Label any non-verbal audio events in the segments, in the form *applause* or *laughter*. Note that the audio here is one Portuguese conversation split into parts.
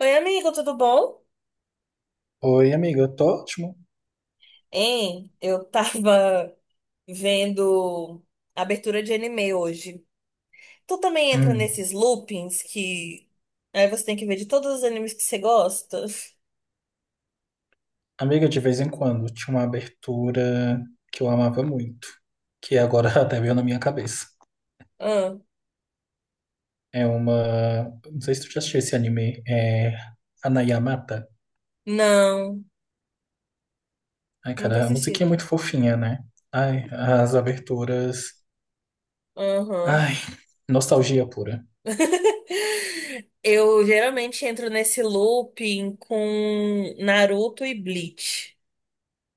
Oi, amigo, tudo bom? Oi, amiga, eu tô ótimo. Eu tava vendo a abertura de anime hoje. Tu também entra Hum, nesses loopings que aí você tem que ver de todos os animes que você gosta? *laughs* Amiga, de vez em quando tinha uma abertura que eu amava muito, que agora *laughs* até veio na minha cabeça. Ah, É uma. Não sei se tu já assistiu esse anime, Hanayamata. não, Ai, nunca cara, a musiquinha é assisti. muito fofinha, né? Ai, as aberturas. Aham. Ai, nostalgia pura. *laughs* Eu geralmente entro nesse looping com Naruto e Bleach.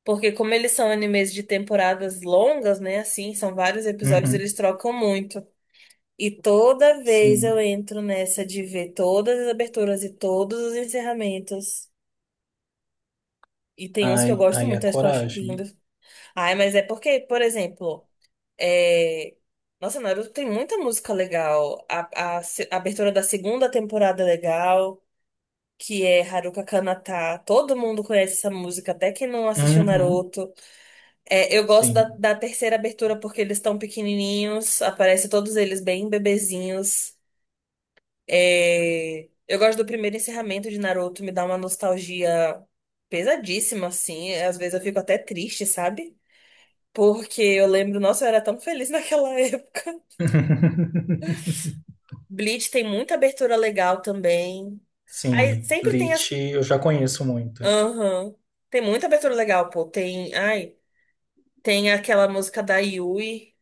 Porque como eles são animes de temporadas longas, né? Assim, são vários episódios, Uhum. eles trocam muito. E toda vez eu Sim. entro nessa de ver todas as aberturas e todos os encerramentos. E tem uns que Ai, eu gosto ai, a muito, acho que eu acho coragem. lindo. Ai, mas é porque, por exemplo, é... Nossa, Naruto tem muita música legal. A se- a abertura da segunda temporada é legal, que é Haruka Kanata. Todo mundo conhece essa música, até quem não assistiu Uhum. Naruto. É, eu gosto da, Sim. da terceira abertura porque eles estão pequenininhos, aparece todos eles bem bebezinhos. É, eu gosto do primeiro encerramento de Naruto, me dá uma nostalgia pesadíssima, assim. Às vezes eu fico até triste, sabe? Porque eu lembro, nossa, eu era tão feliz naquela *laughs* época. *laughs* Bleach tem muita abertura legal também. Aí Sim. sempre tem as. Bleach eu já conheço muito. Aham. Tem muita abertura legal, pô. Tem. Ai, tem aquela música da Yui,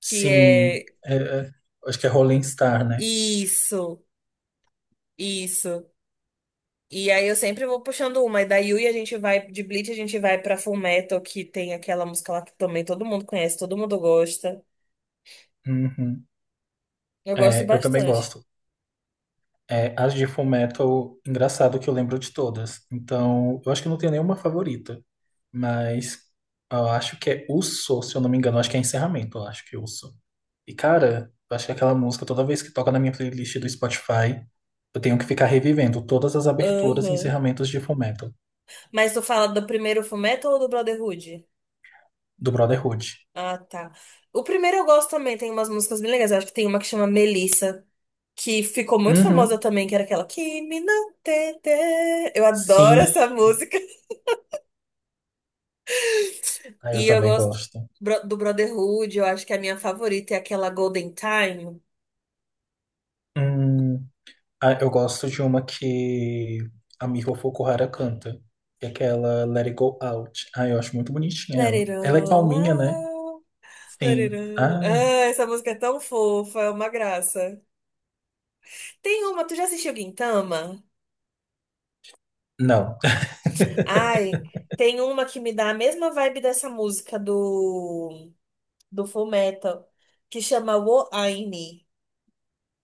que Sim, é. Acho que é Rolling Star, né? Isso, isso. E aí eu sempre vou puxando uma. E da Yui a gente vai, de Bleach a gente vai pra Fullmetal, que tem aquela música lá que também todo mundo conhece, todo mundo gosta. Uhum. Eu gosto É, eu também bastante. gosto. É, as de Fullmetal, engraçado que eu lembro de todas. Então, eu acho que não tenho nenhuma favorita. Mas eu acho que é Uso, se eu não me engano. Eu Acho que é encerramento, eu acho que é Uso. E, cara, eu acho que aquela música, toda vez que toca na minha playlist do Spotify, eu tenho que ficar revivendo todas as aberturas e Aham. encerramentos de Fullmetal, Mas tu fala do primeiro Fullmetal ou do Brotherhood? do Brotherhood. Ah, tá. O primeiro eu gosto também, tem umas músicas bem legais. Eu acho que tem uma que chama Melissa, que ficou muito famosa Uhum. também, que era aquela Kimi no Tete. Eu adoro Sim, essa música. ah, E eu eu também gosto gosto. Do Brotherhood, eu acho que é a minha favorita é aquela Golden Time. Hum, Ah, eu gosto de uma que a Miho Fukuhara canta, que é aquela Let It Go Out. Ah, eu acho muito bonitinha Let ela. it Ela é all calminha, né? out, let Sim. it all... Ai, Ah, essa música é tão fofa, é uma graça. Tem uma, tu já assistiu Gintama? não. *laughs* Ai, tem uma que me dá a mesma vibe dessa música do Fullmetal, que chama Wo Aini.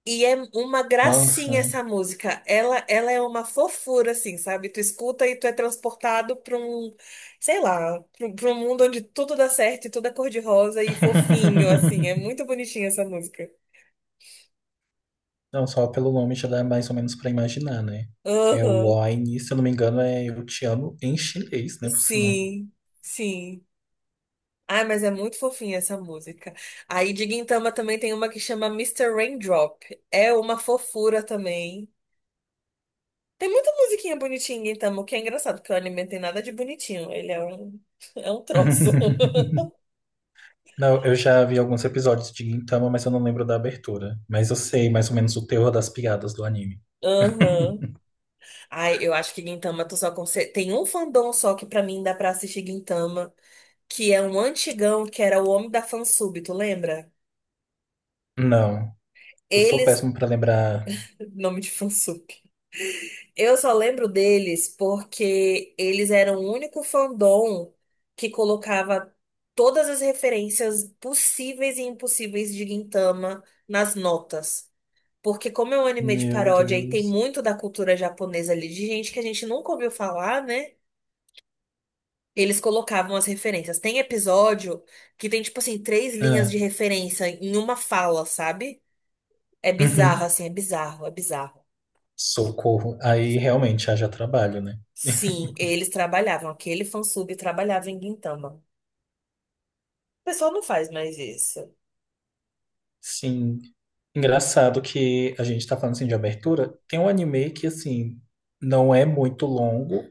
E é uma gracinha Nossa. essa música. Ela é uma fofura, assim, sabe? Tu escuta e tu é transportado pra um, sei lá, pra um mundo onde tudo dá certo e tudo é cor-de-rosa e fofinho, assim. É *laughs* muito bonitinha essa música. Não, só pelo nome já dá mais ou menos pra imaginar, né? Que é Aham, o Wine, se eu não me engano, é Eu Te Amo em chinês, né? Por sinal. sim, sim. Ai, mas é muito fofinha essa música. Aí de Gintama também tem uma que chama Mister Raindrop. É uma fofura também. Tem muita musiquinha bonitinha em Gintama, o que é engraçado, porque o anime não tem nada de bonitinho. Ele é um, *laughs* é um troço. *laughs* Não, eu já vi alguns episódios de Gintama, mas eu não lembro da abertura. Mas eu sei mais ou menos o terror das piadas do anime. *laughs* Aham. *laughs* Ai, eu acho que Gintama tu só consegue... Tem um fandom só que pra mim dá pra assistir Gintama, que é um antigão, que era o Homem da Fansub, tu lembra? Não. Eu sou Eles... péssimo pra lembrar. Nome de Fansub. Eu só lembro deles porque eles eram o único fandom que colocava todas as referências possíveis e impossíveis de Gintama nas notas. Porque como é um anime de Meu paródia e tem Deus. muito da cultura japonesa ali, de gente que a gente nunca ouviu falar, né? Eles colocavam as referências. Tem episódio que tem, tipo assim, três linhas Ah, de referência em uma fala, sabe? É bizarro, uhum. assim, é bizarro, é bizarro. Socorro. Aí realmente haja trabalho, né? Sim, eles trabalhavam. Aquele fansub trabalhava em Gintama. O pessoal não faz mais isso. Sim. Engraçado que a gente tá falando assim de abertura. Tem um anime que, assim, não é muito longo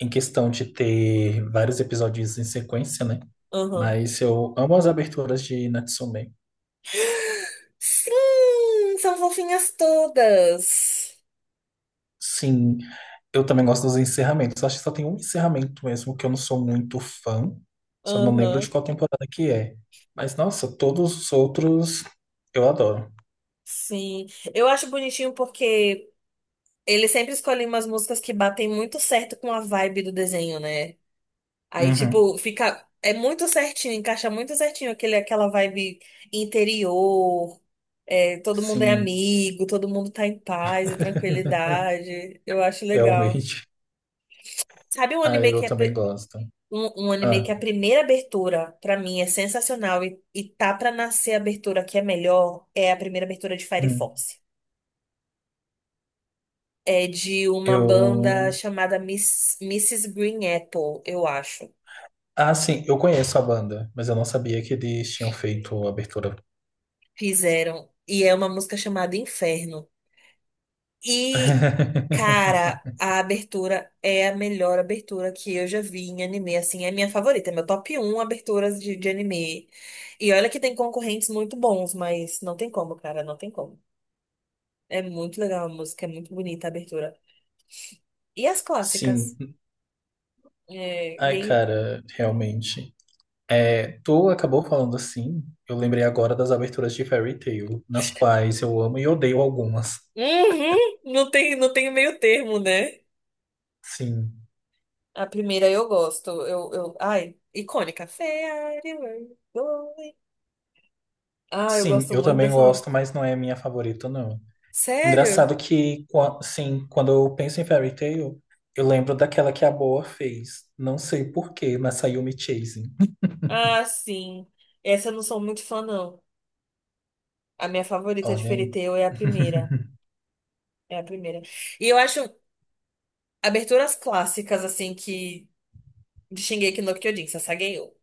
em questão de ter vários episódios em sequência, né? Aham. Mas eu amo as aberturas de Natsume. Sim, são fofinhas todas. Sim, eu também gosto dos encerramentos. Acho que só tem um encerramento mesmo que eu não sou muito fã. Só não lembro de Aham. qual temporada que é. Mas, nossa, todos os outros eu adoro. Sim. Eu acho bonitinho porque eles sempre escolhem umas músicas que batem muito certo com a vibe do desenho, né? Aí, Uhum. tipo, fica. É muito certinho, encaixa muito certinho aquela vibe interior. É, todo mundo é Sim, amigo, todo mundo tá em paz e *laughs* tranquilidade. Eu acho legal. realmente. Sabe um Ah, anime eu que é também gosto. um, um anime Ah, que é a primeira abertura pra mim é sensacional e tá pra nascer a abertura que é melhor é a primeira abertura de Fire hum. Force. É de uma banda Eu. chamada Mrs. Green Apple, eu acho. Ah, sim, eu conheço a banda, mas eu não sabia que eles tinham feito a abertura. Fizeram e é uma música chamada Inferno. E, cara, *laughs* a abertura é a melhor abertura que eu já vi em anime, assim, é a minha favorita, é meu top 1 aberturas de anime. E olha que tem concorrentes muito bons, mas não tem como, cara, não tem como. É muito legal a música, é muito bonita a abertura. E as clássicas? Sim, É, ai, Gen- cara, realmente. É, tu acabou falando assim, eu lembrei agora das aberturas de Fairy Tail, nas quais eu amo e odeio algumas. Uhum, não tem, não tem meio termo, né? Sim. A primeira eu gosto, eu, ai, icônica. Fairy, Where You Going? Ah, eu Sim, gosto eu muito também dessa gosto, música. mas não é a minha favorita, não. Sério? Engraçado que, qua- sim, quando eu penso em Fairy Tail, eu lembro daquela que a Boa fez. Não sei por quê, mas saiu Me Chasing. Ah, sim. Essa eu não sou muito fã, não. A minha favorita de Olha Fairy aí. Tail é a primeira. *laughs* É a primeira. E eu acho aberturas clássicas, assim, que de Shingeki no Kyojin, Sasageyo.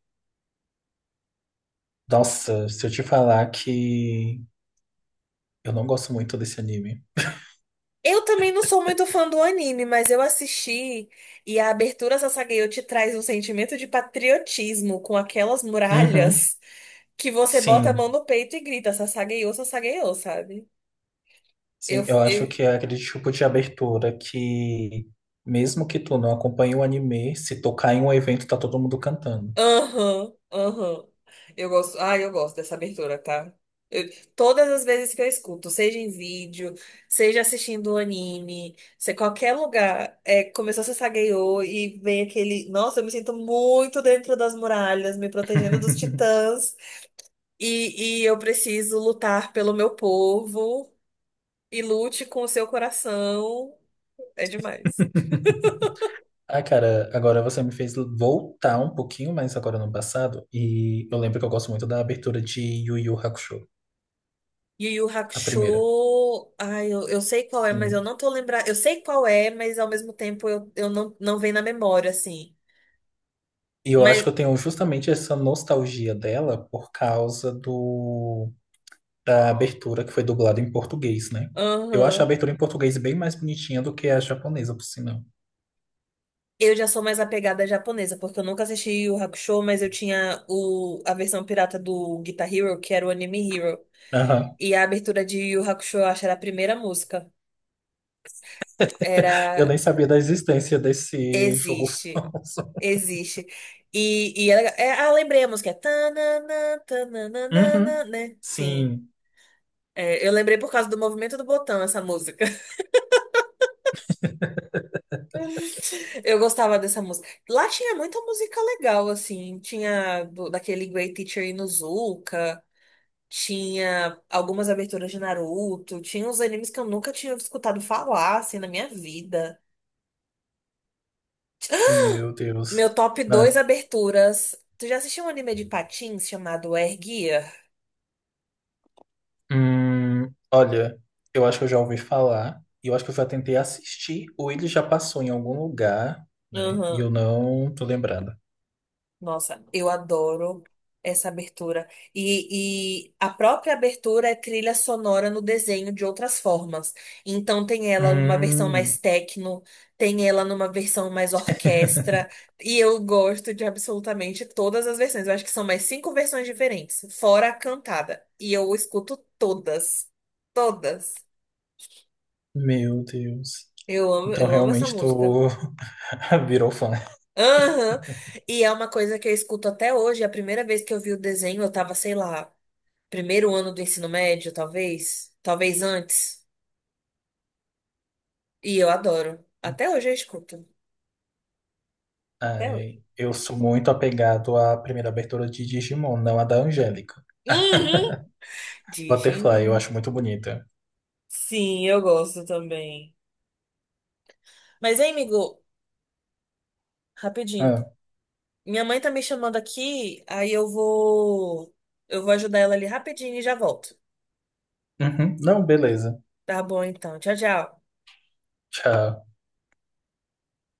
Nossa, se eu te falar que eu não gosto muito desse anime. Eu também não sou muito fã do anime, mas eu assisti e a abertura Sasageyo te traz um sentimento de patriotismo com aquelas Uhum, muralhas que você bota a mão sim. no peito e grita Sasageyo, Sasageyo, sabe? Eu, Sim, eu acho eu, que é aquele tipo de abertura que, mesmo que tu não acompanhe o anime, se tocar em um evento, tá todo mundo cantando. Aham, aham. Eu gosto, ah, eu gosto dessa abertura, tá? Eu- todas as vezes que eu escuto, seja em vídeo, seja assistindo um anime, seja qualquer lugar, é, começou a Sasageyo e vem aquele. Nossa, eu me sinto muito dentro das muralhas, me protegendo dos titãs, e eu preciso lutar pelo meu povo, e lute com o seu coração. É demais. *laughs* Ah, cara, agora você me fez voltar um pouquinho mais agora no passado, e eu lembro que eu gosto muito da abertura de Yu Yu Hakusho, Yu Yu a Hakusho, primeira. ai, eu sei qual é, mas eu Sim. não tô lembrando. Eu sei qual é, mas ao mesmo tempo eu não, não vem na memória, assim. E eu acho que Mas, eu tenho justamente essa nostalgia dela por causa do da abertura que foi dublada em português, né? Eu acho a aham. abertura em português bem mais bonitinha do que a japonesa, por sinal. Eu já sou mais apegada à japonesa, porque eu nunca assisti Yu Yu Hakusho, mas eu tinha a versão pirata do Guitar Hero, que era o Anime Hero. Aham. E a abertura de Yu Yu Hakusho, eu acho, era a primeira música. Eu Era nem sabia da existência desse jogo Existe. famoso. *laughs* Existe. E ela, é, ah, lembrei a música. É tananã, tananana, Uhum. né? Sim. Sim, É, eu lembrei por causa do movimento do botão essa música. *laughs* Eu gostava dessa música. Lá tinha muita música legal, assim. Tinha daquele Great Teacher Onizuka, tinha algumas aberturas de Naruto, tinha uns animes que eu nunca tinha escutado falar, assim, na minha vida. meu Deus. Meu top 2 Ah. aberturas. Tu já assistiu um anime de patins chamado Air Gear? Olha, eu acho que eu já ouvi falar, e eu acho que eu já tentei assistir, ou ele já passou em algum lugar, né? E eu não tô lembrada. Nossa, eu adoro essa abertura. E a própria abertura é trilha sonora no desenho de outras formas. Então tem ela numa versão mais Hum, techno, tem ela numa versão mais orquestra. E eu gosto de absolutamente todas as versões. Eu acho que são mais cinco versões diferentes, fora a cantada. E eu escuto todas. Todas. meu Deus. Então Eu amo essa realmente música. tu *laughs* virou fã. Aham. E é uma coisa que eu escuto até hoje. A primeira vez que eu vi o desenho, eu tava, sei lá. 1º ano do ensino médio, talvez. Talvez antes. E eu adoro. Até hoje eu escuto. Até hoje. Ai, eu sou muito apegado à primeira abertura de Digimon, não a da Angélica. Uhum. Butterfly, eu Digimon. acho muito bonita. Sim, eu gosto também. Mas, hein, amigo, rapidinho. Ah, Minha mãe tá me chamando aqui, aí eu vou. Eu vou ajudar ela ali rapidinho e já volto. uhum. Não, beleza. Tá bom, então. Tchau, tchau. Tchau.